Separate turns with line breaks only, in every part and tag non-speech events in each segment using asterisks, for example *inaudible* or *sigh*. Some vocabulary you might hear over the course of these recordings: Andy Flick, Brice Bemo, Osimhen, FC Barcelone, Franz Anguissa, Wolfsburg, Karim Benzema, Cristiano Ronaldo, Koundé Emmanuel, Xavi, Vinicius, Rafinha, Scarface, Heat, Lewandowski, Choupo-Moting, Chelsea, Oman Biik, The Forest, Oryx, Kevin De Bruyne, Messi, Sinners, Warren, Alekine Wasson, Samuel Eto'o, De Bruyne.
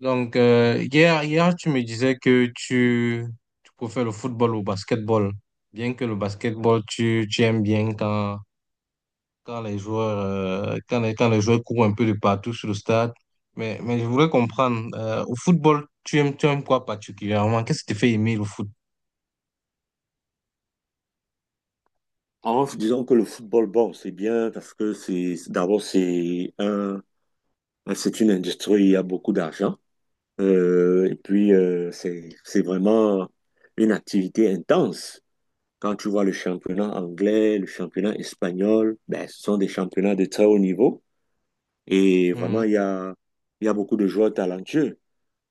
Donc, hier, tu me disais que tu préfères le football au basketball. Bien que le basketball, tu aimes bien quand les joueurs courent un peu de partout sur le stade. Mais je voulais comprendre, au football, tu aimes quoi particulièrement? Qu'est-ce qui te fait aimer le foot?
En disant que le football, bon, c'est bien parce que d'abord c'est c'est une industrie, où il y a beaucoup d'argent. Et puis c'est vraiment une activité intense. Quand tu vois le championnat anglais, le championnat espagnol, ben, ce sont des championnats de très haut niveau. Et vraiment,
Mhm.
il y a beaucoup de joueurs talentueux.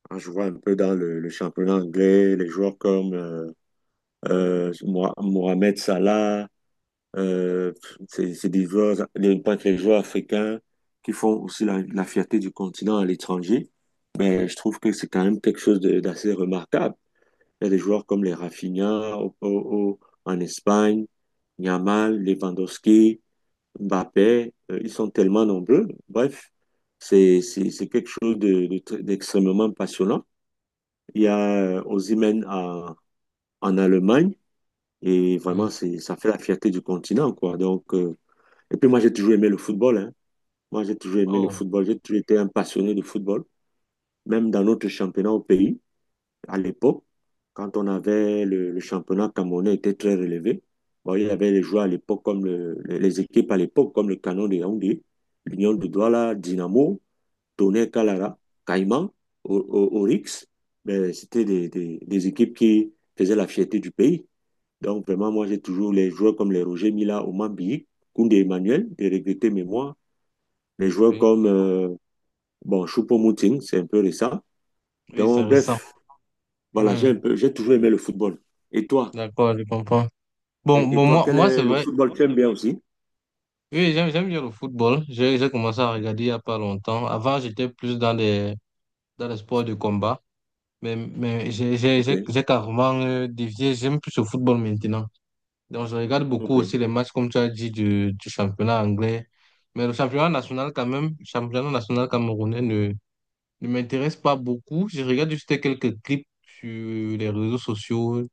Quand je vois un peu dans le championnat anglais, les joueurs comme Mohamed Salah. Euh, c'est des joueurs, pas que les joueurs africains qui font aussi la fierté du continent à l'étranger. Mais je trouve que c'est quand même quelque chose d'assez remarquable. Il y a des joueurs comme les Rafinha en Espagne, Yamal, Lewandowski, Mbappé, ils sont tellement nombreux. Bref, c'est quelque chose d'extrêmement passionnant. Il y a Osimhen en Allemagne et
Oui.
vraiment, c'est, ça fait la fierté du continent, quoi. Et puis moi, j'ai toujours aimé le football, hein. Moi, j'ai toujours aimé le
Oh,
football. J'ai toujours été un passionné de football. Même dans notre championnat au pays, à l'époque, quand on avait le championnat camerounais était très relevé. Bon, il y avait les joueurs à l'époque comme les équipes à l'époque comme le Canon de Yaoundé, l'Union de Douala, Dynamo, Tonnerre Kalara, Caïman, Oryx. Ben, c'était des équipes qui faisaient la fierté du pays. Donc vraiment, moi, j'ai toujours les joueurs comme les Roger Mila, Oman Biik, Koundé Emmanuel, de regretter mémoire, les joueurs
oui.
comme bon, Choupo-Moting, c'est un peu récent.
Oui, c'est
Donc,
récent.
bref, voilà, j'ai
Mhm.
un peu, j'ai toujours aimé le football. Et toi?
D'accord, je comprends. Bon,
Et
bon,
toi,
moi,
quel
moi, c'est
est le
vrai.
football que tu aimes bien aussi?
Oui, j'aime bien le football. J'ai commencé à regarder il n'y a pas longtemps. Avant, j'étais plus dans dans les sports de combat. Mais j'ai j'ai-
Ok,
j'ai- j'ai carrément dévié. J'aime plus le football maintenant. Donc, je regarde beaucoup
ok.
aussi les matchs, comme tu as dit, du championnat anglais. Mais le championnat national, quand même, le championnat national camerounais ne m'intéresse pas beaucoup. Je regarde juste quelques clips sur les réseaux sociaux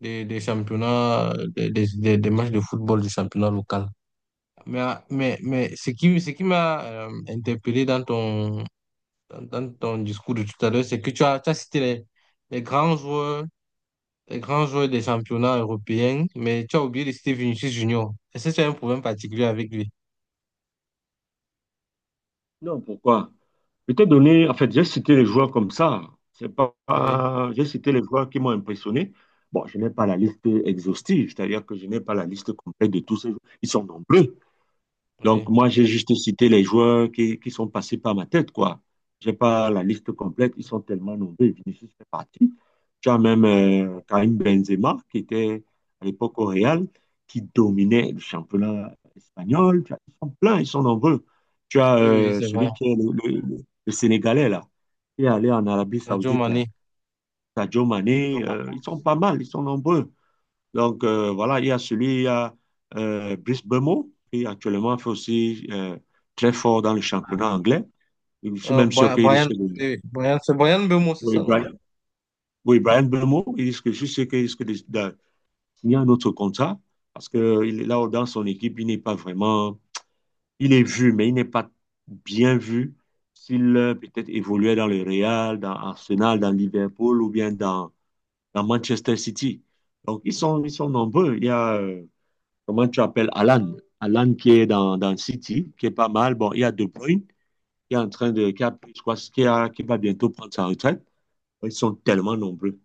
des championnats, des matchs de football du championnat local. Mais, mais ce qui m'a interpellé dans ton discours de tout à l'heure, c'est que tu as cité les grands joueurs, les grands joueurs des championnats européens, mais tu as oublié de citer Vinicius Junior. Est-ce que tu as un problème particulier avec lui?
Non, pourquoi? Je t'ai donné, en fait, j'ai cité les joueurs comme ça. C'est pas,
Oui,
pas- J'ai cité les joueurs qui m'ont impressionné. Bon, je n'ai pas la liste exhaustive, c'est-à-dire que je n'ai pas la liste complète de tous ces joueurs. Ils sont nombreux. Donc,
oui,
moi, j'ai juste cité les joueurs qui sont passés par ma tête, quoi. J'ai pas la liste complète, ils sont tellement nombreux. Vinicius fait partie. Tu as même Karim Benzema, qui était à l'époque au Real, qui dominait le championnat espagnol. Ils sont pleins, ils sont nombreux. Tu as
oui, oui, c'est vrai.
celui qui est le Sénégalais, là, qui est allé en Arabie
Sadio
Saoudite,
Mané.
là. Sadio Mané, ils sont pas mal, ils sont nombreux. Donc, voilà, il y a celui, il y a Brice Bemo, qui actuellement fait aussi très fort dans le championnat anglais. Je suis même sûr qu'il
Brian, oui,
risque de...
oui, Brian, c'est Brian Beumo, c'est
Oui,
ça, non?
Brian, oui, Brian Bemo, il risque, je suis sûr qu'il risque de signer un autre contrat, parce que il est là, dans son équipe, il n'est pas vraiment... Il est vu, mais il n'est pas bien vu s'il peut-être évoluait dans le Real, dans Arsenal, dans Liverpool ou bien dans Manchester City. Donc, ils sont nombreux. Il y a... comment tu appelles Alan? Alan qui est dans City, qui est pas mal. Bon, il y a De Bruyne qui est en train de, qui va bientôt prendre sa retraite. Ils sont tellement nombreux.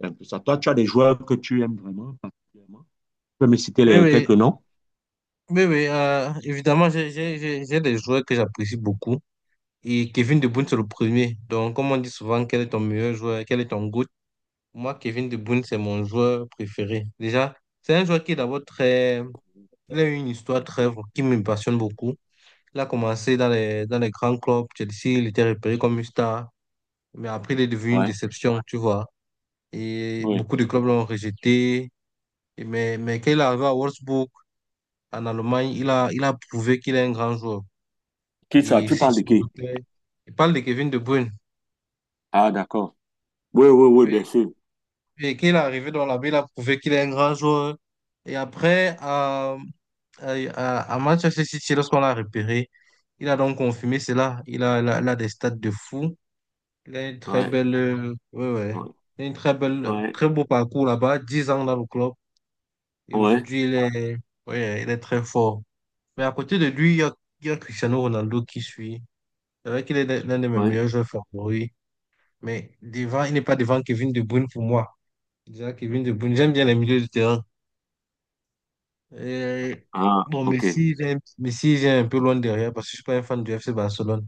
C'est un peu ça. Toi, tu as des joueurs que tu aimes vraiment particulièrement. Tu peux me citer
Oui, oui,
quelques noms?
oui, oui, évidemment, j'ai des joueurs que j'apprécie beaucoup. Et Kevin De Bruyne, c'est le premier. Donc, comme on dit souvent, quel est ton meilleur joueur, quel est ton goût. Moi, Kevin De Bruyne, c'est mon joueur préféré. Déjà, c'est un joueur qui est d'abord très... Il a eu une histoire très... qui me passionne beaucoup. Il a commencé dans dans les grands clubs. Chelsea, il était repéré comme une star. Mais après, il est devenu une
Ouais,
déception, tu vois. Et
oui.
beaucoup de clubs l'ont rejeté. Et mais quand il est arrivé à Wolfsburg, en Allemagne, il a prouvé qu'il est un grand joueur.
Qui ça?
Et
Tu
si
parles de
tu
qui?
l'écoutais, il parle de Kevin De Bruyne.
Ah, d'accord. Oui, oui, oui, bien sûr.
Et qu'il est arrivé dans la ville, il a prouvé qu'il est un grand joueur. Et après, à Manchester City, lorsqu'on l'a repéré, il a donc confirmé cela. Il a des stats de fou. Il a une très
Ouais,
belle, ouais, ouais.
ouais,
Il a une très belle,
ouais,
très beau parcours là-bas, 10 ans dans le club. Et
ouais,
aujourd'hui, il est, ouais, il est très fort. Mais à côté de lui, il y a Cristiano Ronaldo qui suit. C'est vrai qu'il est l'un de mes
ouais.
meilleurs joueurs favoris. Mais devant, il n'est pas devant Kevin De Bruyne pour moi. Déjà, Kevin De Bruyne, j'aime bien les milieux de terrain. Euh,
Ah,
bon,
ok.
Messi, il est un peu loin derrière parce que je suis pas un fan du FC Barcelone.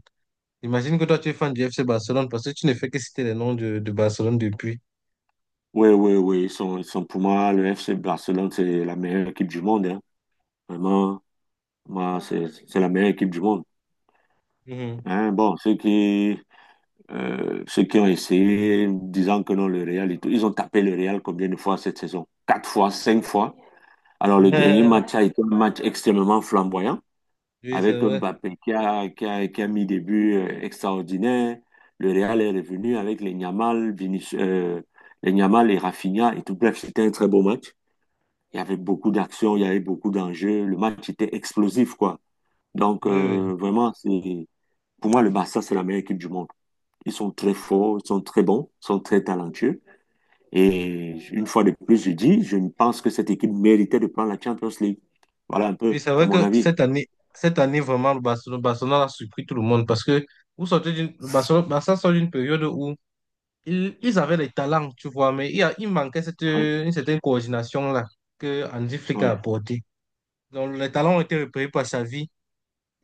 Imagine que toi, tu es fan du FC Barcelone parce que tu ne fais que citer les noms de Barcelone depuis.
Oui, oui, oui. Ils sont pour moi, le FC Barcelone, c'est la meilleure équipe du monde, hein. Vraiment, bah, c'est la meilleure équipe du monde.
Mhm.
Hein, bon, ceux qui ont essayé, disant que non, le Real, et tout, ils ont tapé le Real combien de fois cette saison? Quatre fois, cinq fois. Alors, le dernier match
*laughs*
a été un match extrêmement flamboyant,
Oui, c'est
avec un
vrai.
Mbappé qui a qui a mis des buts extraordinaires. Le Real est revenu avec les les Yamal et Rafinha et tout. Bref, c'était un très beau match. Il y avait beaucoup d'actions, il y avait beaucoup d'enjeux. Le match était explosif, quoi. Donc,
Oui, oui.
vraiment, c'est... Pour moi, le Barça, c'est la meilleure équipe du monde. Ils sont très forts, ils sont très bons, ils sont très talentueux. Et une fois de plus, je dis, je pense que cette équipe méritait de prendre la Champions League. Voilà un
Oui,
peu,
c'est
c'est
vrai
mon
que
avis.
cette année vraiment, Barcelone a surpris tout le monde parce que vous sortez d'une, le Barcelone, Barça sort d'une période où ils avaient les talents, tu vois, mais il manquait cette,
Ouais,
une certaine coordination là que Andy Flick a
ouais,
apportée. Donc, les talents ont été repérés par Xavi,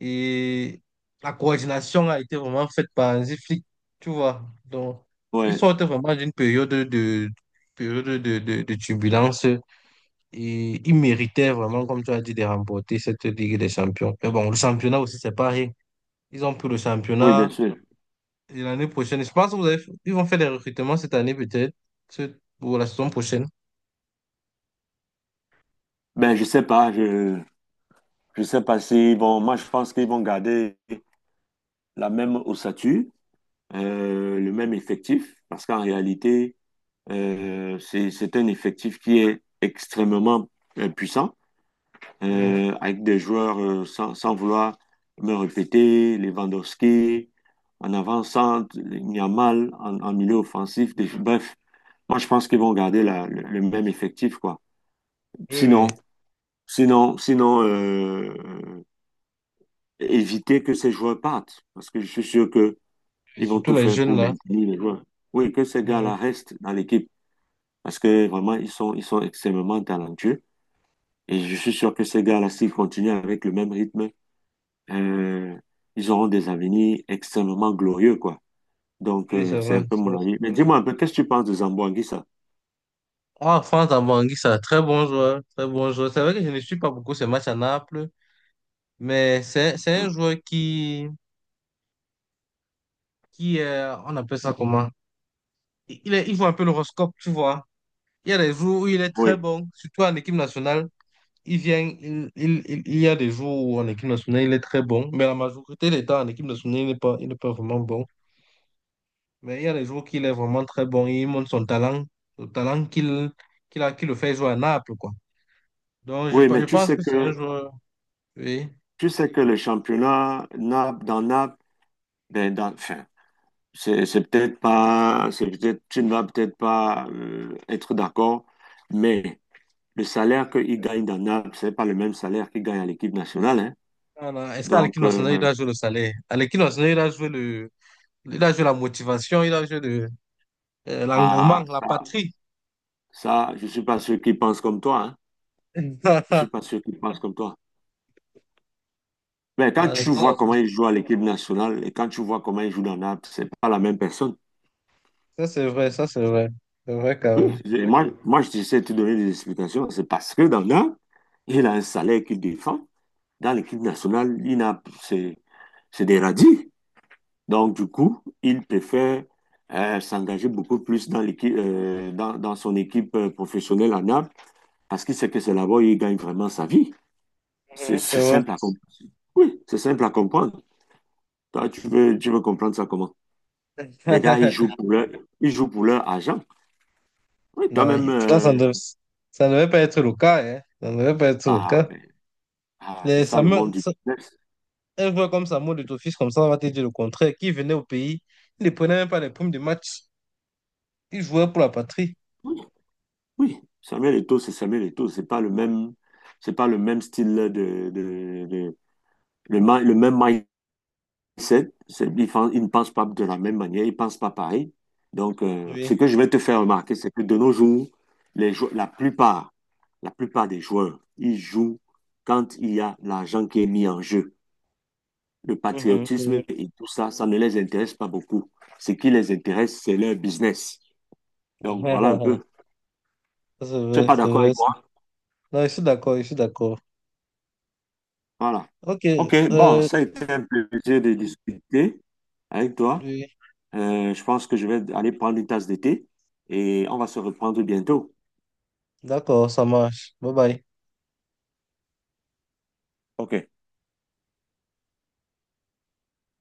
et la coordination a été vraiment faite par un flics, tu vois. Donc, ils
ouais.
sortent vraiment d'une période de turbulence et ils méritaient vraiment, comme tu as dit, de remporter cette Ligue des Champions. Mais bon, le championnat aussi, c'est pareil. Ils ont pris le
Oui,
championnat.
bien sûr.
Et l'année prochaine, je pense que ils vont faire des recrutements cette année peut-être, ou la saison prochaine.
Ben, je sais pas s'ils vont, moi, je pense qu'ils vont garder la même ossature, le même effectif, parce qu'en réalité, c'est un effectif qui est extrêmement puissant,
Mhm.
avec des joueurs sans vouloir me répéter, Lewandowski, en avant-centre, Yamal en milieu offensif. Bref, moi je pense qu'ils vont garder le même effectif, quoi.
Oui,
Sinon,
oui.
sinon éviter que ces joueurs partent, parce que je suis sûr que
Et
ils vont
surtout
tout
les
faire
jeunes
pour
là.
maintenir les joueurs. Oui, que ces
Mhm.
gars-là restent dans l'équipe, parce que vraiment, ils sont extrêmement talentueux. Et je suis sûr que ces gars-là, s'ils continuent avec le même rythme, euh, ils auront des avenirs extrêmement glorieux, quoi. Donc,
Oui, c'est
c'est un
vrai.
peu
Ça.
mon avis. Mais dis-moi un peu, qu'est-ce que tu penses de Zamboanguissa?
Ah, Franz Anguissa, très bon joueur, très bon joueur. C'est vrai que je ne suis pas beaucoup ces matchs à Naples, mais c'est un
Hmm.
joueur qui on appelle ça comment? Il joue un peu l'horoscope, tu vois. Il y a des jours où il est très
Oui,
bon, surtout en équipe nationale. Il vient, il y a des jours où en équipe nationale, il est très bon, mais la majorité des temps en équipe nationale, il n'est pas vraiment bon. Mais il y a des jours qu'il est vraiment très bon, il montre son talent, le talent qu'il a, qui le fait jouer à Naples, quoi. Donc, je,
oui,
pe-
mais
je pense que c'est un joueur, oui.
tu sais que le championnat Naples, dans Naples, ben, dans, enfin, c'est peut-être pas, c'est peut-être, tu ne vas peut-être pas être d'accord, mais le salaire qu'il gagne dans Naples, c'est pas le même salaire qu'il gagne à l'équipe nationale, hein.
Non, non, est-ce
Donc,
qu'Alekine Wasson, il doit jouer le salaire? Alekine Wasson, il doit jouer le... il doit jouer la motivation, il doit jouer le... l'engouement,
ah,
la
ça,
patrie.
ça, je suis pas sûr qu'ils pensent comme toi, hein. Je suis
*laughs*
pas sûr qu'ils pensent comme toi. Mais
Non,
quand tu
Alekine
vois
Wasson,
comment il joue à l'équipe nationale et quand tu vois comment il joue dans Naples, c'est pas la même personne.
ça, c'est vrai, ça, c'est vrai. C'est vrai, quand
Oui,
même.
moi, je sais te donner des explications. C'est parce que dans Naples, il a un salaire qu'il défend. Dans l'équipe nationale, il n'a, c'est des radis. Donc, du coup, il préfère s'engager beaucoup plus dans l'équipe, dans son équipe professionnelle à Naples parce qu'il sait que c'est là-bas où il gagne vraiment sa vie.
Mhm. C'est
C'est
vrai.
simple à comprendre. Oui, c'est simple à comprendre. Toi, tu veux comprendre ça comment? Les gars,
*laughs*
ils jouent pour leur argent. Oui, quand
Non,
même.
et pourtant, ça ne, dev- ça ne devait pas être le cas, hein. Ça ne devait pas être le cas.
Ben, ah, c'est
Les
ça le
Samuel-
monde du
Sa-
business.
un joueur comme Samuel de Tofis, comme ça, on va te dire le contraire, qui venait au pays, il ne prenait même pas les primes de match. Il jouait pour la patrie.
Oui, oui. Samuel Eto'o. C'est pas le même, c'est pas le même style de, le même mindset. Ils ne pensent pas de la même manière. Ils pensent pas pareil. Donc, ce
Oui.
que je vais te faire remarquer, c'est que de nos jours, les jou- la plupart des joueurs, ils jouent quand il y a l'argent qui est mis en jeu. Le
Mhm, c'est vrai.
patriotisme et tout ça, ça ne les intéresse pas beaucoup. Ce qui les intéresse, c'est leur business. Donc voilà un peu.
*laughs* Ça, c'est
Tu n'es
vrai,
pas
c'est
d'accord
vrai.
avec moi?
Non, je suis d'accord, je suis d'accord.
Voilà.
Ok,
OK, bon,
euh,
ça a été un plaisir de discuter avec toi.
oui,
Je pense que je vais aller prendre une tasse de thé et on va se reprendre bientôt.
d'accord, ça marche. Bye bye.
OK.